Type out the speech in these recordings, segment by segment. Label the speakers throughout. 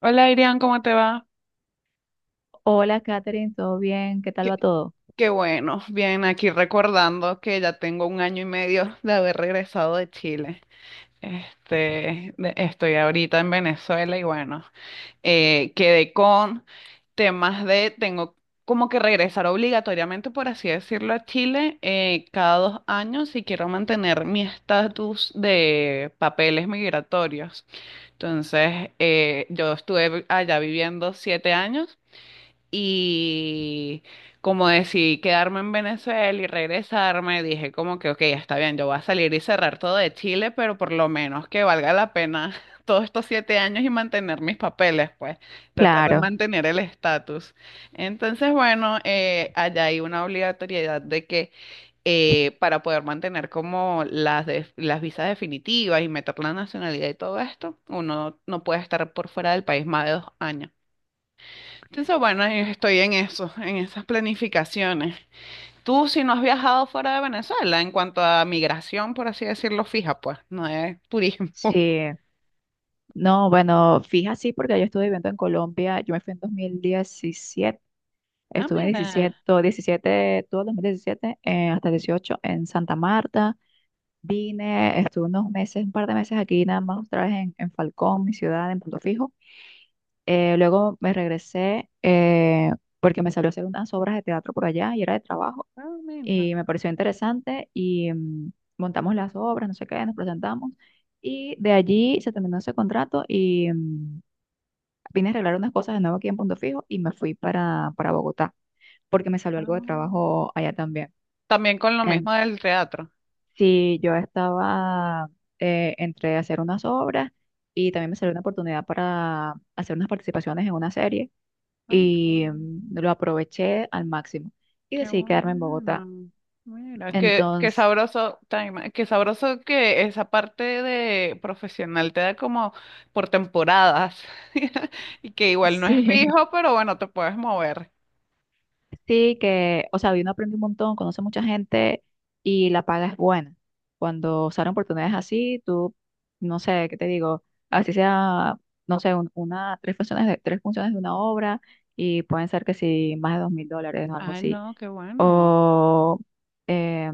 Speaker 1: Hola Irian, ¿cómo te va?
Speaker 2: Hola, Katherine, ¿todo bien? ¿Qué tal va
Speaker 1: Qué,
Speaker 2: todo?
Speaker 1: qué bueno, bien, aquí recordando que ya tengo un año y medio de haber regresado de Chile. Este, estoy ahorita en Venezuela y bueno, quedé con temas de, tengo como que regresar obligatoriamente, por así decirlo, a Chile, cada 2 años si quiero mantener mi estatus de papeles migratorios. Entonces, yo estuve allá viviendo 7 años. Y como decidí quedarme en Venezuela y regresarme, dije como que, ok, está bien, yo voy a salir y cerrar todo de Chile, pero por lo menos que valga la pena todos estos 7 años y mantener mis papeles, pues, tratar de
Speaker 2: Claro.
Speaker 1: mantener el estatus. Entonces, bueno, allá hay una obligatoriedad de que para poder mantener como las visas definitivas y meter la nacionalidad y todo esto, uno no puede estar por fuera del país más de 2 años. Entonces, bueno, estoy en eso, en esas planificaciones. Tú, si no has viajado fuera de Venezuela, en cuanto a migración, por así decirlo, fija, pues, no es turismo.
Speaker 2: Sí, no, bueno, fija sí, porque yo estuve viviendo en Colombia, yo me fui en 2017.
Speaker 1: Ah,
Speaker 2: Estuve en
Speaker 1: mira,
Speaker 2: 17, todo 17, todo el 2017, hasta 18 en Santa Marta. Vine, estuve unos meses, un par de meses aquí, nada más otra vez en Falcón, mi ciudad, en Punto Fijo. Luego me regresé porque me salió a hacer unas obras de teatro por allá y era de trabajo
Speaker 1: ah, mira.
Speaker 2: y me pareció interesante y montamos las obras, no sé qué, nos presentamos y de allí se terminó ese contrato y vine a arreglar unas cosas de nuevo aquí en Punto Fijo y me fui para Bogotá porque me salió algo de
Speaker 1: Ah.
Speaker 2: trabajo allá también.
Speaker 1: También con lo
Speaker 2: En-
Speaker 1: mismo del teatro.
Speaker 2: sí, yo estaba entre hacer unas obras y también me salió una oportunidad para hacer unas participaciones en una serie
Speaker 1: Ah, qué
Speaker 2: y
Speaker 1: bueno.
Speaker 2: lo aproveché al máximo y
Speaker 1: Qué
Speaker 2: decidí quedarme en Bogotá.
Speaker 1: bueno. Mira, qué
Speaker 2: Entonces,
Speaker 1: sabroso, Taima, qué sabroso que esa parte de profesional te da como por temporadas y que igual no es
Speaker 2: sí.
Speaker 1: fijo, pero bueno, te puedes mover.
Speaker 2: Sí, que, o sea, uno aprende un montón, conoce mucha gente y la paga es buena. Cuando salen oportunidades así, tú, no sé, ¿qué te digo? Así sea, no sé, una, tres funciones de una obra y pueden ser que sí, más de $2000 o algo
Speaker 1: Ay,
Speaker 2: así
Speaker 1: no, qué bueno.
Speaker 2: o, eh,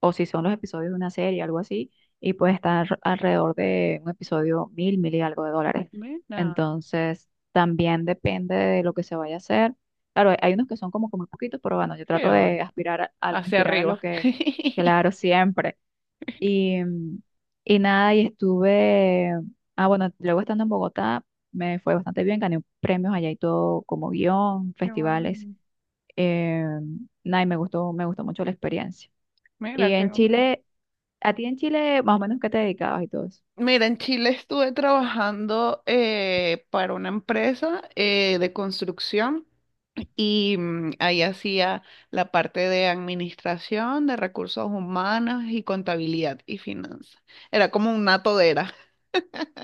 Speaker 2: o si son los episodios de una serie, algo así, y puede estar alrededor de un episodio mil, mil y algo de dólares.
Speaker 1: Mira,
Speaker 2: Entonces, también depende de lo que se vaya a hacer. Claro, hay unos que son como, como muy poquitos, pero bueno, yo trato
Speaker 1: creo,
Speaker 2: de aspirar a,
Speaker 1: hacia
Speaker 2: aspirar a lo
Speaker 1: arriba.
Speaker 2: que hago siempre. Y, y nada, y estuve, ah, bueno, luego estando en Bogotá, me fue bastante bien, gané premios allá y todo como guión,
Speaker 1: Qué
Speaker 2: festivales.
Speaker 1: bueno.
Speaker 2: Eh, Nada, y me gustó mucho la experiencia. Y
Speaker 1: Mira, qué
Speaker 2: en
Speaker 1: bueno.
Speaker 2: Chile, ¿a ti en Chile más o menos qué te dedicabas y todo eso?
Speaker 1: Mira, en Chile estuve trabajando, para una empresa, de construcción y ahí hacía la parte de administración, de recursos humanos y contabilidad y finanzas. Era como una todera.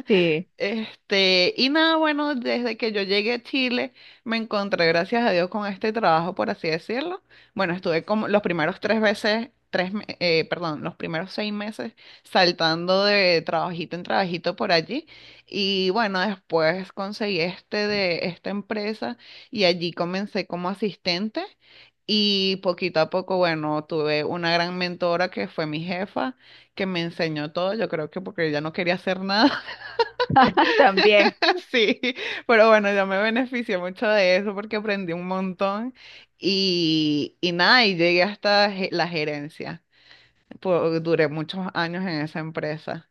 Speaker 2: Sí,
Speaker 1: Este, y nada, bueno, desde que yo llegué a Chile, me encontré, gracias a Dios, con este trabajo, por así decirlo. Bueno, estuve como los primeros tres veces, tres, me- perdón, los primeros 6 meses saltando de trabajito en trabajito por allí. Y bueno, después conseguí este de esta empresa y allí comencé como asistente. Y poquito a poco, bueno, tuve una gran mentora que fue mi jefa, que me enseñó todo. Yo creo que porque ella no quería hacer nada.
Speaker 2: también.
Speaker 1: Sí, pero bueno, yo me beneficié mucho de eso porque aprendí un montón y nada, y llegué hasta la gerencia. Duré muchos años en esa empresa.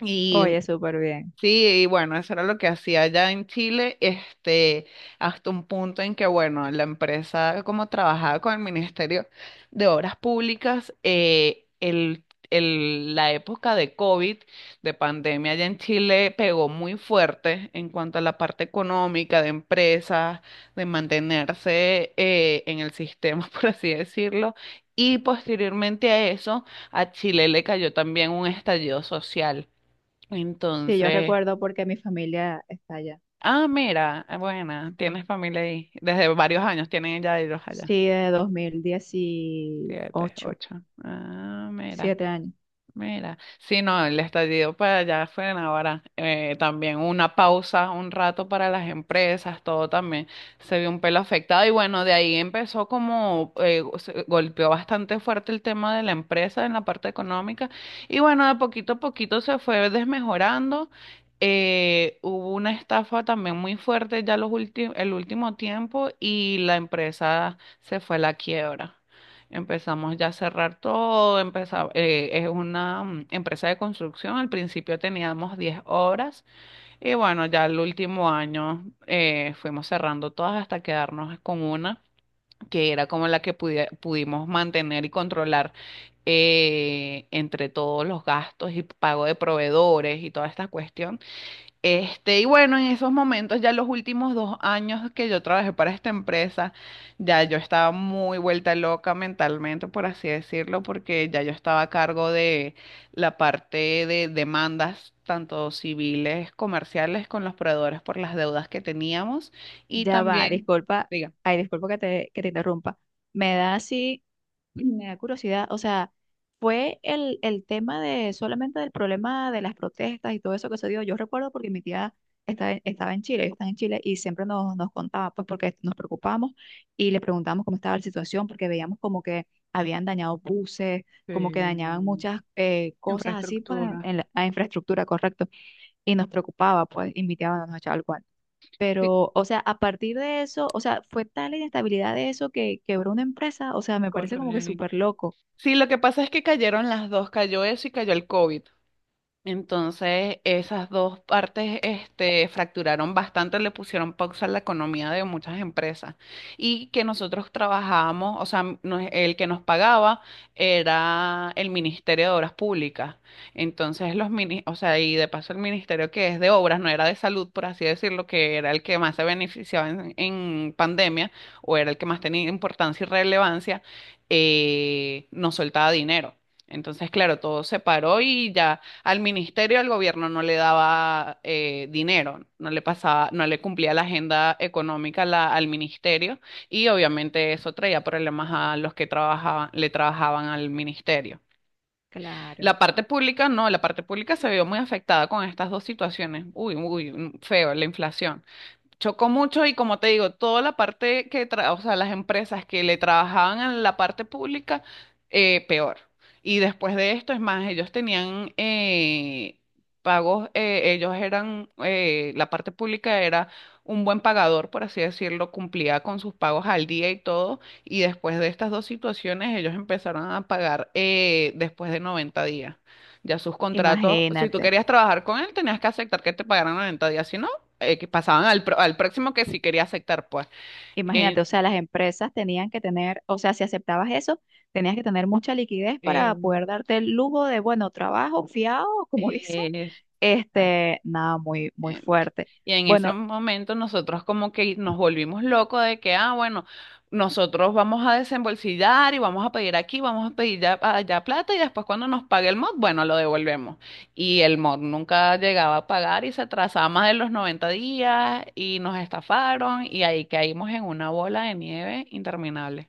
Speaker 1: y
Speaker 2: Oye, súper bien.
Speaker 1: Sí, y bueno, eso era lo que hacía allá en Chile, este, hasta un punto en que, bueno, la empresa como trabajaba con el Ministerio de Obras Públicas, la época de COVID, de pandemia allá en Chile, pegó muy fuerte en cuanto a la parte económica de empresas, de mantenerse, en el sistema, por así decirlo, y posteriormente a eso, a Chile le cayó también un estallido social.
Speaker 2: Sí, yo
Speaker 1: Entonces...
Speaker 2: recuerdo porque mi familia está allá.
Speaker 1: Ah, mira, ah, buena, tienes familia ahí. Desde varios años tienen ya ellos allá.
Speaker 2: Sí, de
Speaker 1: Siete,
Speaker 2: 2018,
Speaker 1: ocho. Ah, mira.
Speaker 2: siete años.
Speaker 1: Mira, sí, no, el estallido para allá fue en ahora. También una pausa, un rato para las empresas, todo también se vio un pelo afectado. Y bueno, de ahí empezó como, se golpeó bastante fuerte el tema de la empresa en la parte económica. Y bueno, de poquito a poquito se fue desmejorando. Hubo una estafa también muy fuerte ya los últimos, el último tiempo y la empresa se fue a la quiebra. Empezamos ya a cerrar todo, es una empresa de construcción, al principio teníamos 10 obras y bueno, ya el último año, fuimos cerrando todas hasta quedarnos con una que era como la que pudimos mantener y controlar, entre todos los gastos y pago de proveedores y toda esta cuestión. Este, y bueno, en esos momentos, ya los últimos 2 años que yo trabajé para esta empresa, ya yo estaba muy vuelta loca mentalmente, por así decirlo, porque ya yo estaba a cargo de la parte de demandas, tanto civiles, comerciales, con los proveedores por las deudas que teníamos y
Speaker 2: Ya va,
Speaker 1: también,
Speaker 2: disculpa,
Speaker 1: diga,
Speaker 2: ay, disculpa que te interrumpa. Me da así. Me da curiosidad, o sea, fue el tema de solamente del problema de las protestas y todo eso que se dio. Yo recuerdo porque mi tía estaba, estaba en Chile, ellos están en Chile y siempre nos, nos contaba, pues porque nos preocupamos y le preguntábamos cómo estaba la situación, porque veíamos como que habían dañado buses, como que dañaban
Speaker 1: sí,
Speaker 2: muchas cosas así, pues
Speaker 1: infraestructura.
Speaker 2: en la, la infraestructura, correcto. Y nos preocupaba, pues, y mi tía bueno, nos echaba el cuento.
Speaker 1: Sí,
Speaker 2: Pero, o sea, a partir de eso, o sea, fue tal la inestabilidad de eso que quebró una empresa. O sea, me parece como que
Speaker 1: correcto.
Speaker 2: súper loco.
Speaker 1: Sí, lo que pasa es que cayeron las dos, cayó eso y cayó el COVID. Entonces, esas dos partes, este, fracturaron bastante, le pusieron pausa a la economía de muchas empresas. Y que nosotros trabajábamos, o sea, nos- el que nos pagaba era el Ministerio de Obras Públicas. Entonces, los mini, o sea, y de paso el Ministerio que es de Obras, no era de Salud, por así decirlo, que era el que más se beneficiaba en pandemia, o era el que más tenía importancia y relevancia, nos soltaba dinero. Entonces, claro, todo se paró y ya. Al ministerio, al gobierno no le daba, dinero, no le pasaba, no le cumplía la agenda económica la- al ministerio y obviamente eso traía problemas a los que trabajaban, le trabajaban al ministerio.
Speaker 2: Claro.
Speaker 1: La parte pública no, la parte pública se vio muy afectada con estas dos situaciones. Uy, uy, feo, la inflación chocó mucho y como te digo, toda la parte que, tra- o sea, las empresas que le trabajaban a la parte pública, peor. Y después de esto, es más, ellos tenían, pagos, ellos eran, la parte pública era un buen pagador, por así decirlo, cumplía con sus pagos al día y todo. Y después de estas dos situaciones, ellos empezaron a pagar, después de 90 días. Ya sus contratos, si tú
Speaker 2: Imagínate,
Speaker 1: querías trabajar con él, tenías que aceptar que te pagaran 90 días, si no, que pasaban al, pro- al próximo que sí quería aceptar, pues.
Speaker 2: imagínate,
Speaker 1: En-
Speaker 2: o sea, las empresas tenían que tener, o sea, si aceptabas eso, tenías que tener mucha liquidez para
Speaker 1: en-
Speaker 2: poder darte el lujo de, bueno, trabajo fiado, como dicen.
Speaker 1: eh,
Speaker 2: Este, nada, muy, muy
Speaker 1: Exactamente.
Speaker 2: fuerte.
Speaker 1: Y en ese
Speaker 2: Bueno,
Speaker 1: momento nosotros como que nos volvimos locos de que, ah, bueno, nosotros vamos a desembolsillar y vamos a pedir aquí, vamos a pedir ya- allá plata y después cuando nos pague el mod, bueno, lo devolvemos. Y el mod nunca llegaba a pagar y se atrasaba más de los 90 días y nos estafaron y ahí caímos en una bola de nieve interminable.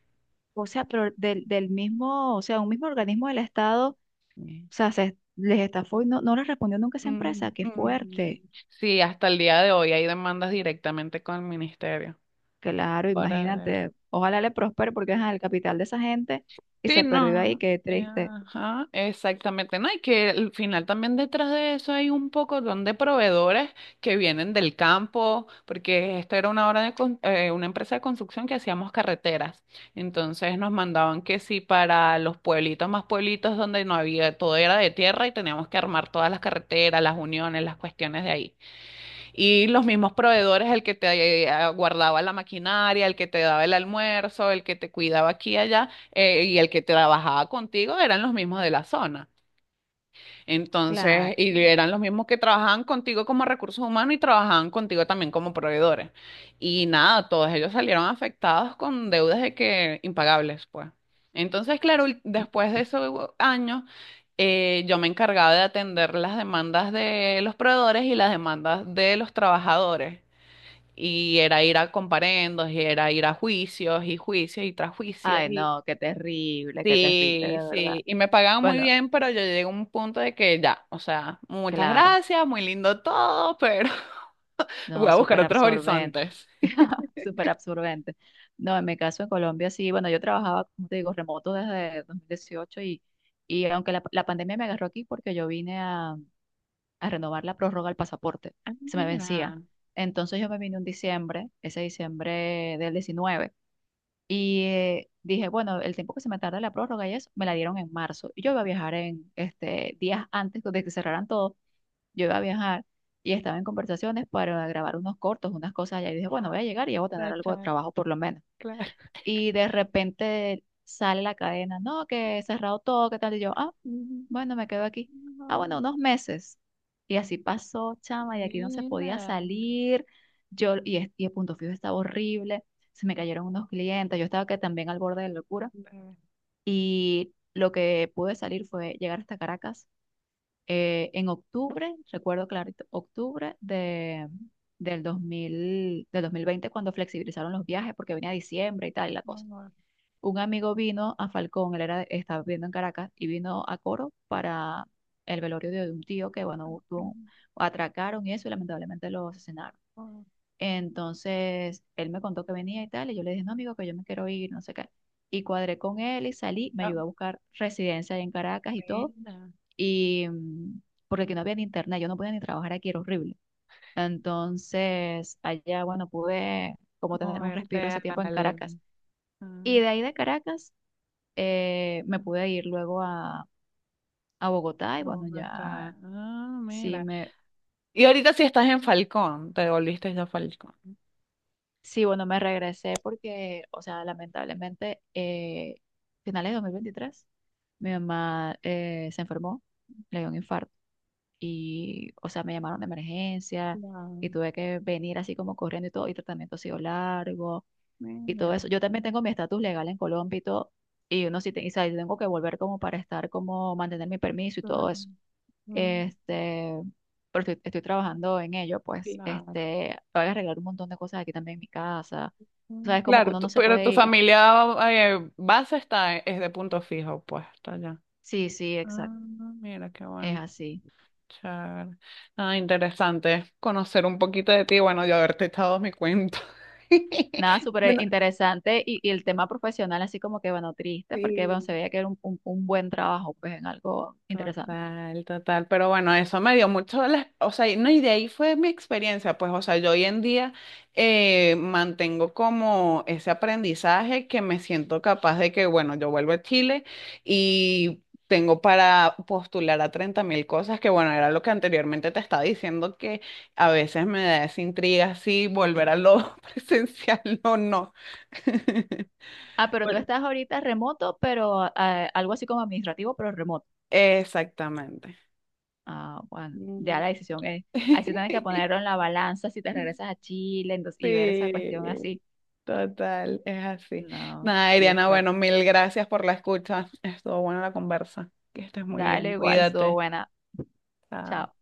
Speaker 2: o sea, pero del, del mismo, o sea, un mismo organismo del Estado, o
Speaker 1: Sí.
Speaker 2: sea, se les estafó y no, no les respondió nunca esa
Speaker 1: Mm,
Speaker 2: empresa. Qué
Speaker 1: mm.
Speaker 2: fuerte.
Speaker 1: Sí, hasta el día de hoy hay demandas directamente con el ministerio
Speaker 2: Claro,
Speaker 1: para ver.
Speaker 2: imagínate. Ojalá le prospere porque es el capital de esa gente y
Speaker 1: Sí,
Speaker 2: se perdió ahí,
Speaker 1: no.
Speaker 2: qué triste.
Speaker 1: Ajá, exactamente. No, y que al final también detrás de eso hay un poco de proveedores que vienen del campo, porque esta era una obra de una empresa de construcción que hacíamos carreteras. Entonces nos mandaban que sí para los pueblitos más pueblitos donde no había, todo era de tierra y teníamos que armar todas las carreteras, las uniones, las cuestiones de ahí. Y los mismos proveedores, el que te, guardaba la maquinaria, el que te daba el almuerzo, el que te cuidaba aquí y allá, y el que trabajaba contigo, eran los mismos de la zona.
Speaker 2: Claro.
Speaker 1: Entonces, y eran los mismos que trabajaban contigo como recursos humanos y trabajaban contigo también como proveedores. Y nada, todos ellos salieron afectados con deudas de que impagables, pues. Entonces, claro, después de esos años, yo me encargaba de atender las demandas de los proveedores y las demandas de los trabajadores. Y era ir a comparendos, y era ir a juicios y juicios y tras juicios.
Speaker 2: Ay, no, qué terrible,
Speaker 1: Sí,
Speaker 2: de
Speaker 1: sí,
Speaker 2: verdad.
Speaker 1: y me pagaban muy
Speaker 2: Bueno,
Speaker 1: bien, pero yo llegué a un punto de que ya, o sea, muchas
Speaker 2: claro,
Speaker 1: gracias, muy lindo todo, pero voy
Speaker 2: no,
Speaker 1: a buscar
Speaker 2: súper
Speaker 1: otros
Speaker 2: absorbente,
Speaker 1: horizontes.
Speaker 2: súper absorbente. No, en mi caso en Colombia sí, bueno, yo trabajaba, como te digo, remoto desde 2018 y aunque la pandemia me agarró aquí porque yo vine a renovar la prórroga del pasaporte,
Speaker 1: Ah,
Speaker 2: se me vencía.
Speaker 1: mira,
Speaker 2: Entonces yo me vine un diciembre, ese diciembre del 19. Y dije, bueno, el tiempo que se me tarda la prórroga y eso, me la dieron en marzo. Y yo iba a viajar en este, días antes de que cerraran todo, yo iba a viajar y estaba en conversaciones para grabar unos cortos, unas cosas allá. Y dije, bueno, voy a llegar y ya voy a tener algo de
Speaker 1: aprovechar,
Speaker 2: trabajo por lo menos.
Speaker 1: claro.
Speaker 2: Y de repente sale la cadena, no, que he cerrado todo, ¿qué tal? Y yo, ah,
Speaker 1: Mm,
Speaker 2: bueno, me quedo aquí. Ah,
Speaker 1: no,
Speaker 2: bueno, unos meses. Y así pasó, chama, y aquí no se podía
Speaker 1: mira,
Speaker 2: salir. Yo, y, y el punto fijo estaba horrible. Se me cayeron unos clientes. Yo estaba que también al borde de la locura.
Speaker 1: no,
Speaker 2: Y lo que pude salir fue llegar hasta Caracas en octubre, recuerdo clarito, octubre de, del 2000, del 2020 cuando flexibilizaron los viajes, porque venía diciembre y tal, y la cosa.
Speaker 1: no,
Speaker 2: Un amigo vino a Falcón, él era, estaba viviendo en Caracas, y vino a Coro para el velorio de un tío que, bueno, atracaron y eso, y lamentablemente lo asesinaron.
Speaker 1: no,
Speaker 2: Entonces, él me contó que venía y tal, y yo le dije, no, amigo, que yo me quiero ir, no sé qué. Y cuadré con él y salí, me
Speaker 1: ah,
Speaker 2: ayudó a buscar residencia ahí en Caracas y todo,
Speaker 1: mira,
Speaker 2: y porque aquí no había ni internet, yo no podía ni trabajar aquí, era horrible. Entonces, allá, bueno, pude como tener un
Speaker 1: moverte
Speaker 2: respiro ese
Speaker 1: a
Speaker 2: tiempo en
Speaker 1: algo.
Speaker 2: Caracas. Y
Speaker 1: Ah,
Speaker 2: de ahí de Caracas me pude ir luego a
Speaker 1: a
Speaker 2: Bogotá y bueno,
Speaker 1: Bogotá,
Speaker 2: ya
Speaker 1: ah,
Speaker 2: sí
Speaker 1: mira.
Speaker 2: me,
Speaker 1: Y ahorita si estás en Falcón, te volviste ya a Falcón.
Speaker 2: sí, bueno, me regresé porque, o sea, lamentablemente, finales de 2023, mi mamá se enfermó, le dio un infarto y, o sea, me llamaron de emergencia y
Speaker 1: Claro,
Speaker 2: tuve que venir así como corriendo y todo, y tratamiento ha sido largo y
Speaker 1: mira,
Speaker 2: todo eso. Yo también tengo mi estatus legal en Colombia y todo. Y uno sí, y, o sea, yo tengo que volver como para estar, como mantener mi permiso y
Speaker 1: claro.
Speaker 2: todo eso.
Speaker 1: Mm,
Speaker 2: Este, pero estoy, estoy trabajando en ello, pues,
Speaker 1: claro.
Speaker 2: este, voy a arreglar un montón de cosas aquí también en mi casa. O
Speaker 1: Mm,
Speaker 2: sea, es como que
Speaker 1: claro,
Speaker 2: uno no se
Speaker 1: pero tu
Speaker 2: puede ir.
Speaker 1: familia, base está, es de punto fijo, pues, está allá.
Speaker 2: Sí, sí,
Speaker 1: Ah,
Speaker 2: exacto.
Speaker 1: mira, qué
Speaker 2: Es
Speaker 1: bueno,
Speaker 2: así.
Speaker 1: chévere. Ah, interesante conocer un poquito de ti, bueno, yo haberte echado mi cuento.
Speaker 2: Nada, súper
Speaker 1: Bueno,
Speaker 2: interesante. Y el tema profesional, así como que, bueno, triste, porque bueno,
Speaker 1: sí.
Speaker 2: se veía que era un, un buen trabajo, pues, en algo interesante.
Speaker 1: Total, total. Pero bueno, eso me dio mucho, la- o sea, y no, y de ahí fue mi experiencia, pues, o sea, yo hoy en día, mantengo como ese aprendizaje que me siento capaz de que, bueno, yo vuelvo a Chile y tengo para postular a 30.000 cosas, que bueno, era lo que anteriormente te estaba diciendo, que a veces me da esa intriga si volver a lo presencial o no.
Speaker 2: Ah, pero tú
Speaker 1: Bueno,
Speaker 2: estás ahorita remoto, pero algo así como administrativo, pero remoto.
Speaker 1: exactamente.
Speaker 2: Ah, bueno, ya
Speaker 1: Mm.
Speaker 2: la decisión es. Ahí sí tienes que ponerlo en la balanza si te regresas a Chile entonces, y ver esa
Speaker 1: Sí,
Speaker 2: cuestión así.
Speaker 1: total, es así.
Speaker 2: No,
Speaker 1: Nada,
Speaker 2: sí es
Speaker 1: Iriana,
Speaker 2: fuerte.
Speaker 1: bueno, mil gracias por la escucha. Estuvo buena la conversa. Que estés muy
Speaker 2: Dale,
Speaker 1: bien,
Speaker 2: igual, estuvo
Speaker 1: cuídate.
Speaker 2: buena.
Speaker 1: Chao.
Speaker 2: Chao.